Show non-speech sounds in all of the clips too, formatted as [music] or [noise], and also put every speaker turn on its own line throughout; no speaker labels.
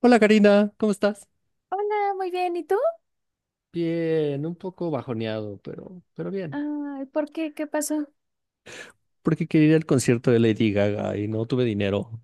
Hola Karina, ¿cómo estás?
Hola, muy bien. ¿Y tú?
Bien, un poco bajoneado, pero bien.
Ay, ¿por qué? ¿Qué pasó?
Porque quería ir al concierto de Lady Gaga y no tuve dinero.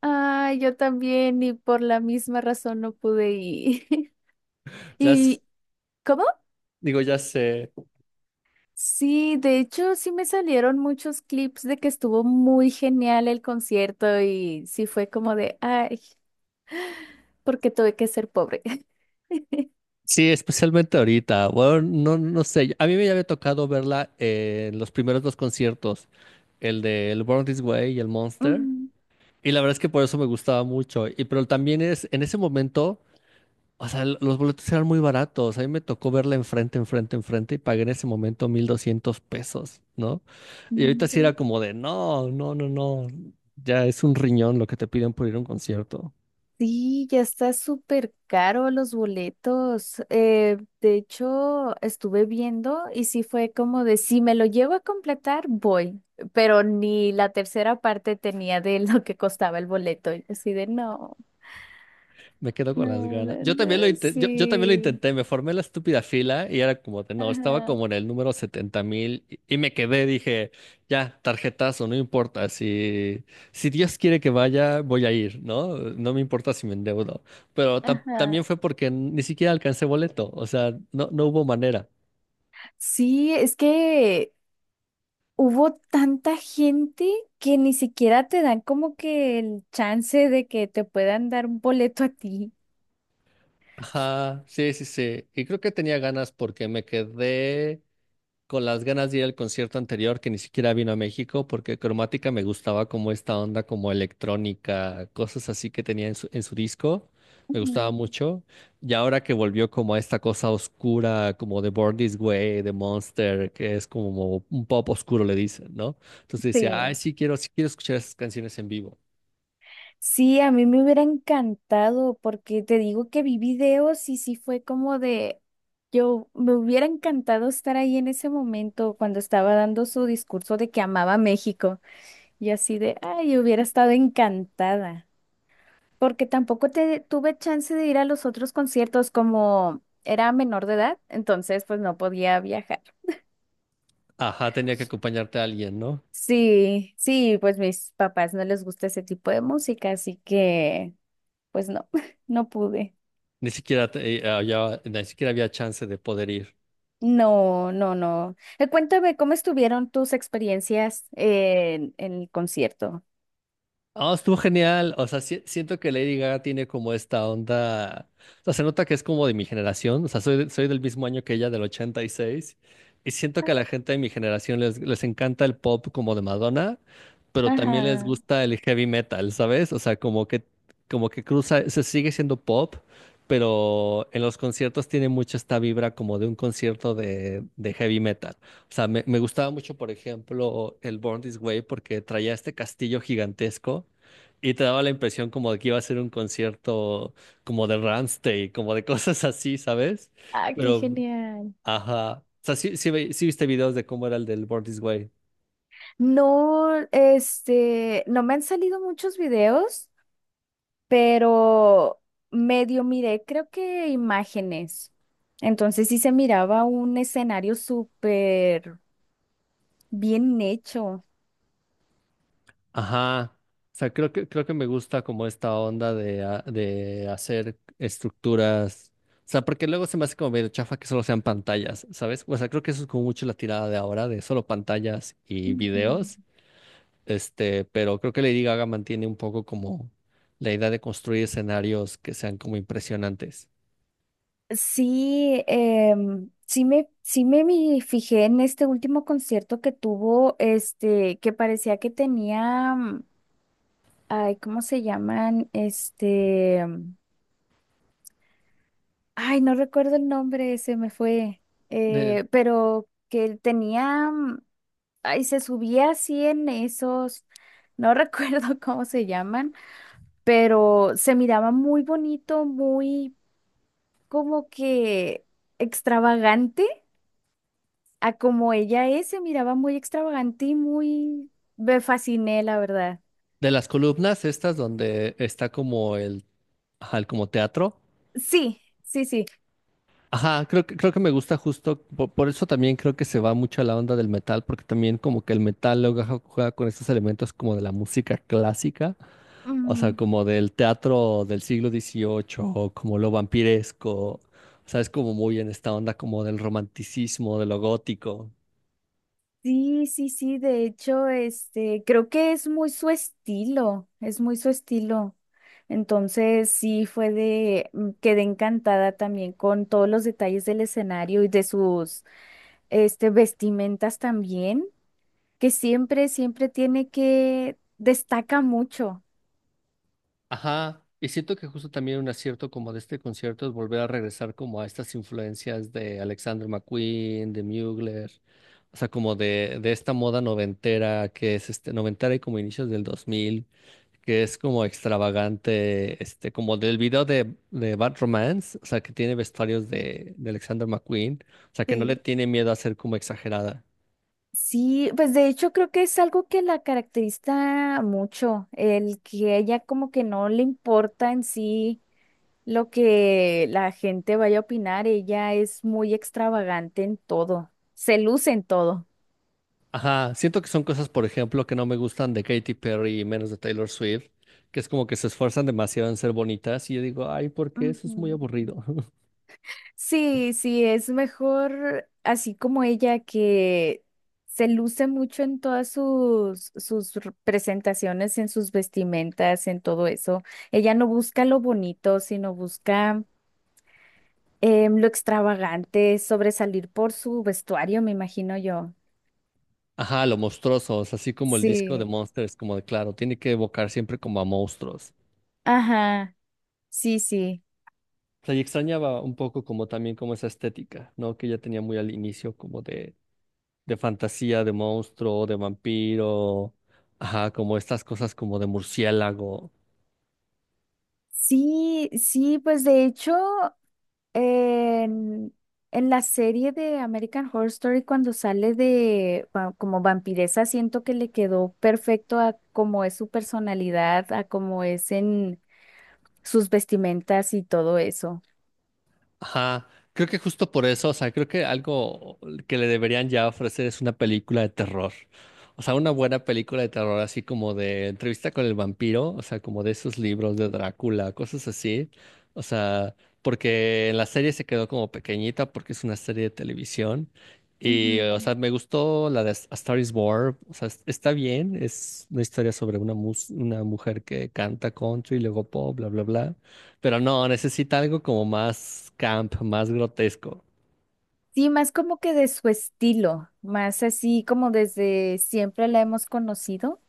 Ay, yo también y por la misma razón no pude ir. [laughs]
Ya,
¿Y cómo?
digo, ya sé.
Sí, de hecho sí me salieron muchos clips de que estuvo muy genial el concierto y sí fue como de, ay, porque tuve que ser pobre. [laughs]
Sí, especialmente ahorita. Bueno, no, no sé. A mí me había tocado verla en los primeros dos conciertos, el de del Born This Way y el Monster. Y la verdad es que por eso me gustaba mucho. Y pero también es en ese momento. O sea, los boletos eran muy baratos. A mí me tocó verla enfrente, enfrente, enfrente y pagué en ese momento 1200 pesos, ¿no? Y ahorita sí
Ujú.
era como de, no, no, no, no. Ya es un riñón lo que te piden por ir a un concierto.
Sí, ya está súper caro los boletos. De hecho, estuve viendo y sí fue como de si me lo llego a completar, voy. Pero ni la tercera parte tenía de [laughs] lo que costaba el boleto. Y así de no,
Me quedo con las
no,
ganas.
no,
Yo también lo
no,
intenté, yo también lo
sí.
intenté, me formé la estúpida fila y era como de, no, estaba
Ajá,
como en el número 70,000 y me quedé, dije, ya, tarjetazo, no importa, si, si Dios quiere que vaya, voy a ir, ¿no? No me importa si me endeudo. Pero
ajá.
también fue porque ni siquiera alcancé boleto, o sea, no, no hubo manera.
Sí, es que hubo tanta gente que ni siquiera te dan como que el chance de que te puedan dar un boleto a ti.
Ajá, sí, sí, sí. Y creo que tenía ganas porque me quedé con las ganas de ir al concierto anterior que ni siquiera vino a México porque Cromática me gustaba como esta onda como electrónica, cosas así que tenía en su disco, me gustaba
Ujú.
mucho. Y ahora que volvió como a esta cosa oscura, como de Born This Way, de Monster, que es como un pop oscuro le dicen, ¿no? Entonces decía, ay,
Sí.
sí quiero escuchar esas canciones en vivo.
Sí, a mí me hubiera encantado porque te digo que vi videos y sí fue como de, yo me hubiera encantado estar ahí en ese momento cuando estaba dando su discurso de que amaba México y así de, ay, hubiera estado encantada porque tampoco te, tuve chance de ir a los otros conciertos como era menor de edad, entonces pues no podía viajar.
Ajá, tenía que acompañarte a alguien, ¿no?
Sí, sí, pues mis papás no les gusta ese tipo de música, así que pues no, [laughs] no pude.
Ni siquiera, ni siquiera había chance de poder ir.
No, no, no. Cuéntame, ¿cómo estuvieron tus experiencias en el concierto?
Ah, estuvo genial. O sea, siento que Lady Gaga tiene como esta onda. O sea, se nota que es como de mi generación. O sea, soy, soy del mismo año que ella, del 86. Y siento que a la gente de mi generación les encanta el pop como de Madonna, pero también les
Ajá.
gusta el heavy metal, ¿sabes? O sea, como que cruza, se sigue siendo pop, pero en los conciertos tiene mucho esta vibra como de un concierto de heavy metal. O sea, me gustaba mucho, por ejemplo, el Born This Way porque traía este castillo gigantesco y te daba la impresión como de que iba a ser un concierto como de Rammstein, como de [laughs] cosas así, ¿sabes?
Ah, qué
Pero,
genial.
ajá. O sea, sí, sí, sí viste videos de cómo era el del Born This Way.
No, no me han salido muchos videos, pero medio miré, creo que imágenes. Entonces sí se miraba un escenario súper bien hecho.
Ajá. O sea, creo que me gusta como esta onda de, de hacer estructuras. O sea, porque luego se me hace como medio chafa que solo sean pantallas, ¿sabes? O sea, creo que eso es como mucho la tirada de ahora, de solo pantallas y
Ujú.
videos. Este, pero creo que Lady Gaga mantiene un poco como la idea de construir escenarios que sean como impresionantes.
Sí, fijé en este último concierto que tuvo, este, que parecía que tenía, ay, ¿cómo se llaman? Ay, no recuerdo el nombre, se me fue,
De,
pero que tenía, ay, se subía así en esos, no [laughs] recuerdo cómo se llaman, pero se miraba muy bonito, muy como que extravagante. A como ella es, se miraba muy extravagante y muy... Me fasciné, la verdad.
de las columnas estas donde está como el, ajá, el como teatro.
Sí, sí, sí.
Ajá, creo que me gusta justo, por eso también creo que se va mucho a la onda del metal, porque también como que el metal luego juega con estos elementos como de la música clásica, o sea,
Mm,
como del teatro del siglo XVIII, o como lo vampiresco, o sea, es como muy en esta onda como del romanticismo, de lo gótico.
sí, sí, sí. De hecho, este, creo que es muy su estilo. Es muy su estilo. Entonces, sí, fue de... quedé encantada también con todos los detalles del escenario y de sus, este, vestimentas también, que siempre, siempre tiene que... Destaca mucho.
Ajá, y siento que justo también un acierto como de este concierto es volver a regresar como a estas influencias de Alexander McQueen, de Mugler, o sea, como de esta moda noventera que es este noventera y como inicios del 2000, que es como extravagante, este, como del video de Bad Romance, o sea, que tiene vestuarios de Alexander McQueen, o sea, que no le
Sí.
tiene miedo a ser como exagerada.
Sí, pues de hecho creo que es algo que la caracteriza mucho, el que ella como que no le importa en sí lo que la gente vaya a opinar, ella es muy extravagante en todo, se luce en todo.
Ajá, siento que son cosas, por ejemplo, que no me gustan de Katy Perry y menos de Taylor Swift, que es como que se esfuerzan demasiado en ser bonitas y yo digo, ay, ¿por qué? Eso
Ujú.
es muy aburrido. [laughs]
Sí, sí, es mejor así como ella que se luce mucho en todas presentaciones, en sus vestimentas, en todo eso. Ella no busca lo bonito, sino busca lo extravagante, sobresalir por su vestuario, me imagino yo.
Ajá, lo monstruosos, así como el disco de
Sí,
Monsters, como de claro, tiene que evocar siempre como a monstruos.
ajá, sí, sí.
O sea, y extrañaba un poco como también como esa estética, ¿no? Que ya tenía muy al inicio como de fantasía, de monstruo, de vampiro, ajá, como estas cosas como de murciélago.
Sí, sí, pues de hecho, en, en la serie de American Horror Story, cuando como vampiresa, siento que le quedó perfecto a cómo es su personalidad, a cómo es en sus vestimentas y todo eso.
Ajá, creo que justo por eso, o sea, creo que algo que le deberían ya ofrecer es una película de terror. O sea, una buena película de terror, así como de entrevista con el vampiro, o sea, como de esos libros de Drácula, cosas así. O sea, porque en la serie se quedó como pequeñita porque es una serie de televisión. Y, o
Ujú.
sea, me gustó la de A Star is Born, o sea, está bien, es una historia sobre una, una mujer que canta country, luego pop, bla, bla, bla. Pero no, necesita algo como más camp, más grotesco.
Sí, más como que de su estilo, más así como desde siempre la hemos conocido,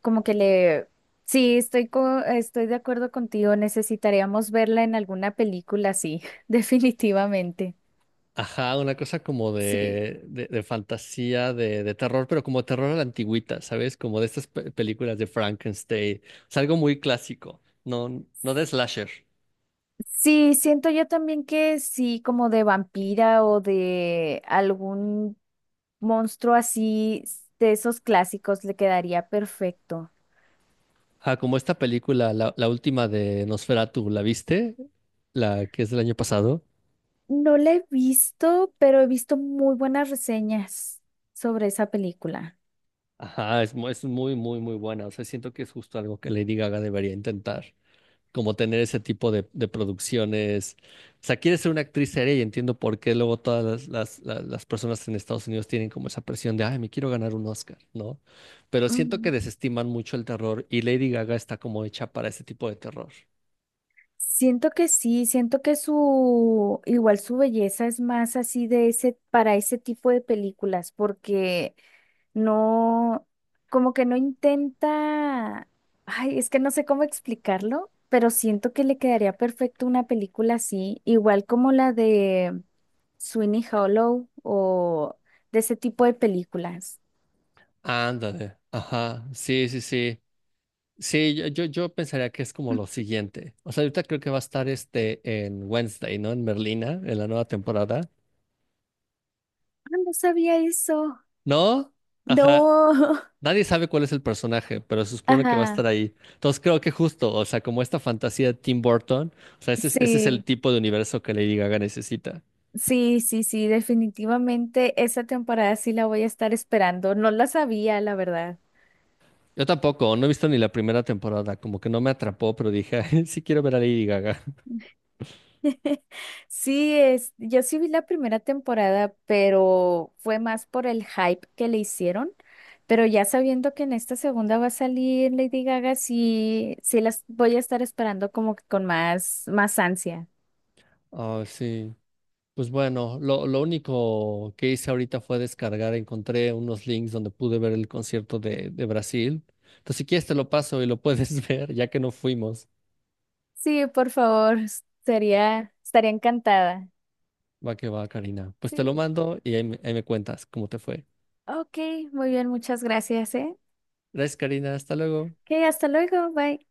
como que le, sí, estoy de acuerdo contigo, necesitaríamos verla en alguna película, sí, [laughs] definitivamente.
Ajá, una cosa como
Sí.
de fantasía, de terror, pero como terror a la antigüita, ¿sabes? Como de estas películas de Frankenstein. Es algo muy clásico, no, no de slasher.
Sí, siento yo también que sí, como de vampira o de algún monstruo así, de esos clásicos, le quedaría perfecto.
Ajá, como esta película, la última de Nosferatu, ¿la viste? La que es del año pasado.
No la he visto, pero he visto muy buenas reseñas sobre esa película.
Ajá, es, es muy, muy, muy buena. O sea, siento que es justo algo que Lady Gaga debería intentar, como tener ese tipo de producciones. O sea, quieres ser una actriz seria y entiendo por qué luego todas las personas en Estados Unidos tienen como esa presión de, ay, me quiero ganar un Oscar, ¿no? Pero siento que
Ujú.
desestiman mucho el terror y Lady Gaga está como hecha para ese tipo de terror.
Siento que sí, siento que su, igual su belleza es más así de ese, para ese tipo de películas, porque no, como que no intenta, ay, es que no sé cómo explicarlo, pero siento que le quedaría perfecto una película así, igual como la de Sweeney Hollow o de ese tipo de películas.
Ándale, ajá, sí, sí, sí. Sí, yo pensaría que es como lo siguiente. O sea, ahorita creo que va a estar este en Wednesday, ¿no? En Merlina, en la nueva temporada.
Ah, no sabía eso.
¿No? Ajá,
No. [laughs]
nadie sabe cuál es el personaje, pero se supone que va a estar
Ajá.
ahí. Entonces creo que justo, o sea, como esta fantasía de Tim Burton, o sea, ese es el
Sí,
tipo de universo que Lady Gaga necesita.
sí, sí, sí. Definitivamente esa temporada sí la voy a estar esperando. No la sabía, la verdad.
Yo tampoco, no he visto ni la primera temporada, como que no me atrapó, pero dije, [laughs] "Ay, sí quiero ver a Lady Gaga".
[laughs] Sí, es, yo sí vi la primera temporada, pero fue más por el hype que le hicieron. Pero ya sabiendo que en esta segunda va a salir Lady Gaga, sí, sí las voy a estar esperando como que con más, más ansia.
Ah, sí. Pues bueno, lo único que hice ahorita fue descargar, encontré unos links donde pude ver el concierto de Brasil. Entonces, si quieres te lo paso y lo puedes [laughs] ver, ya que no fuimos.
Sí, por favor, sería, estaría encantada.
Va que va, Karina. Pues te lo
Sí.
mando y ahí me cuentas cómo te fue.
Ok, muy bien, muchas gracias, ¿eh?
Gracias, Karina. Hasta luego.
Ok, hasta luego, bye.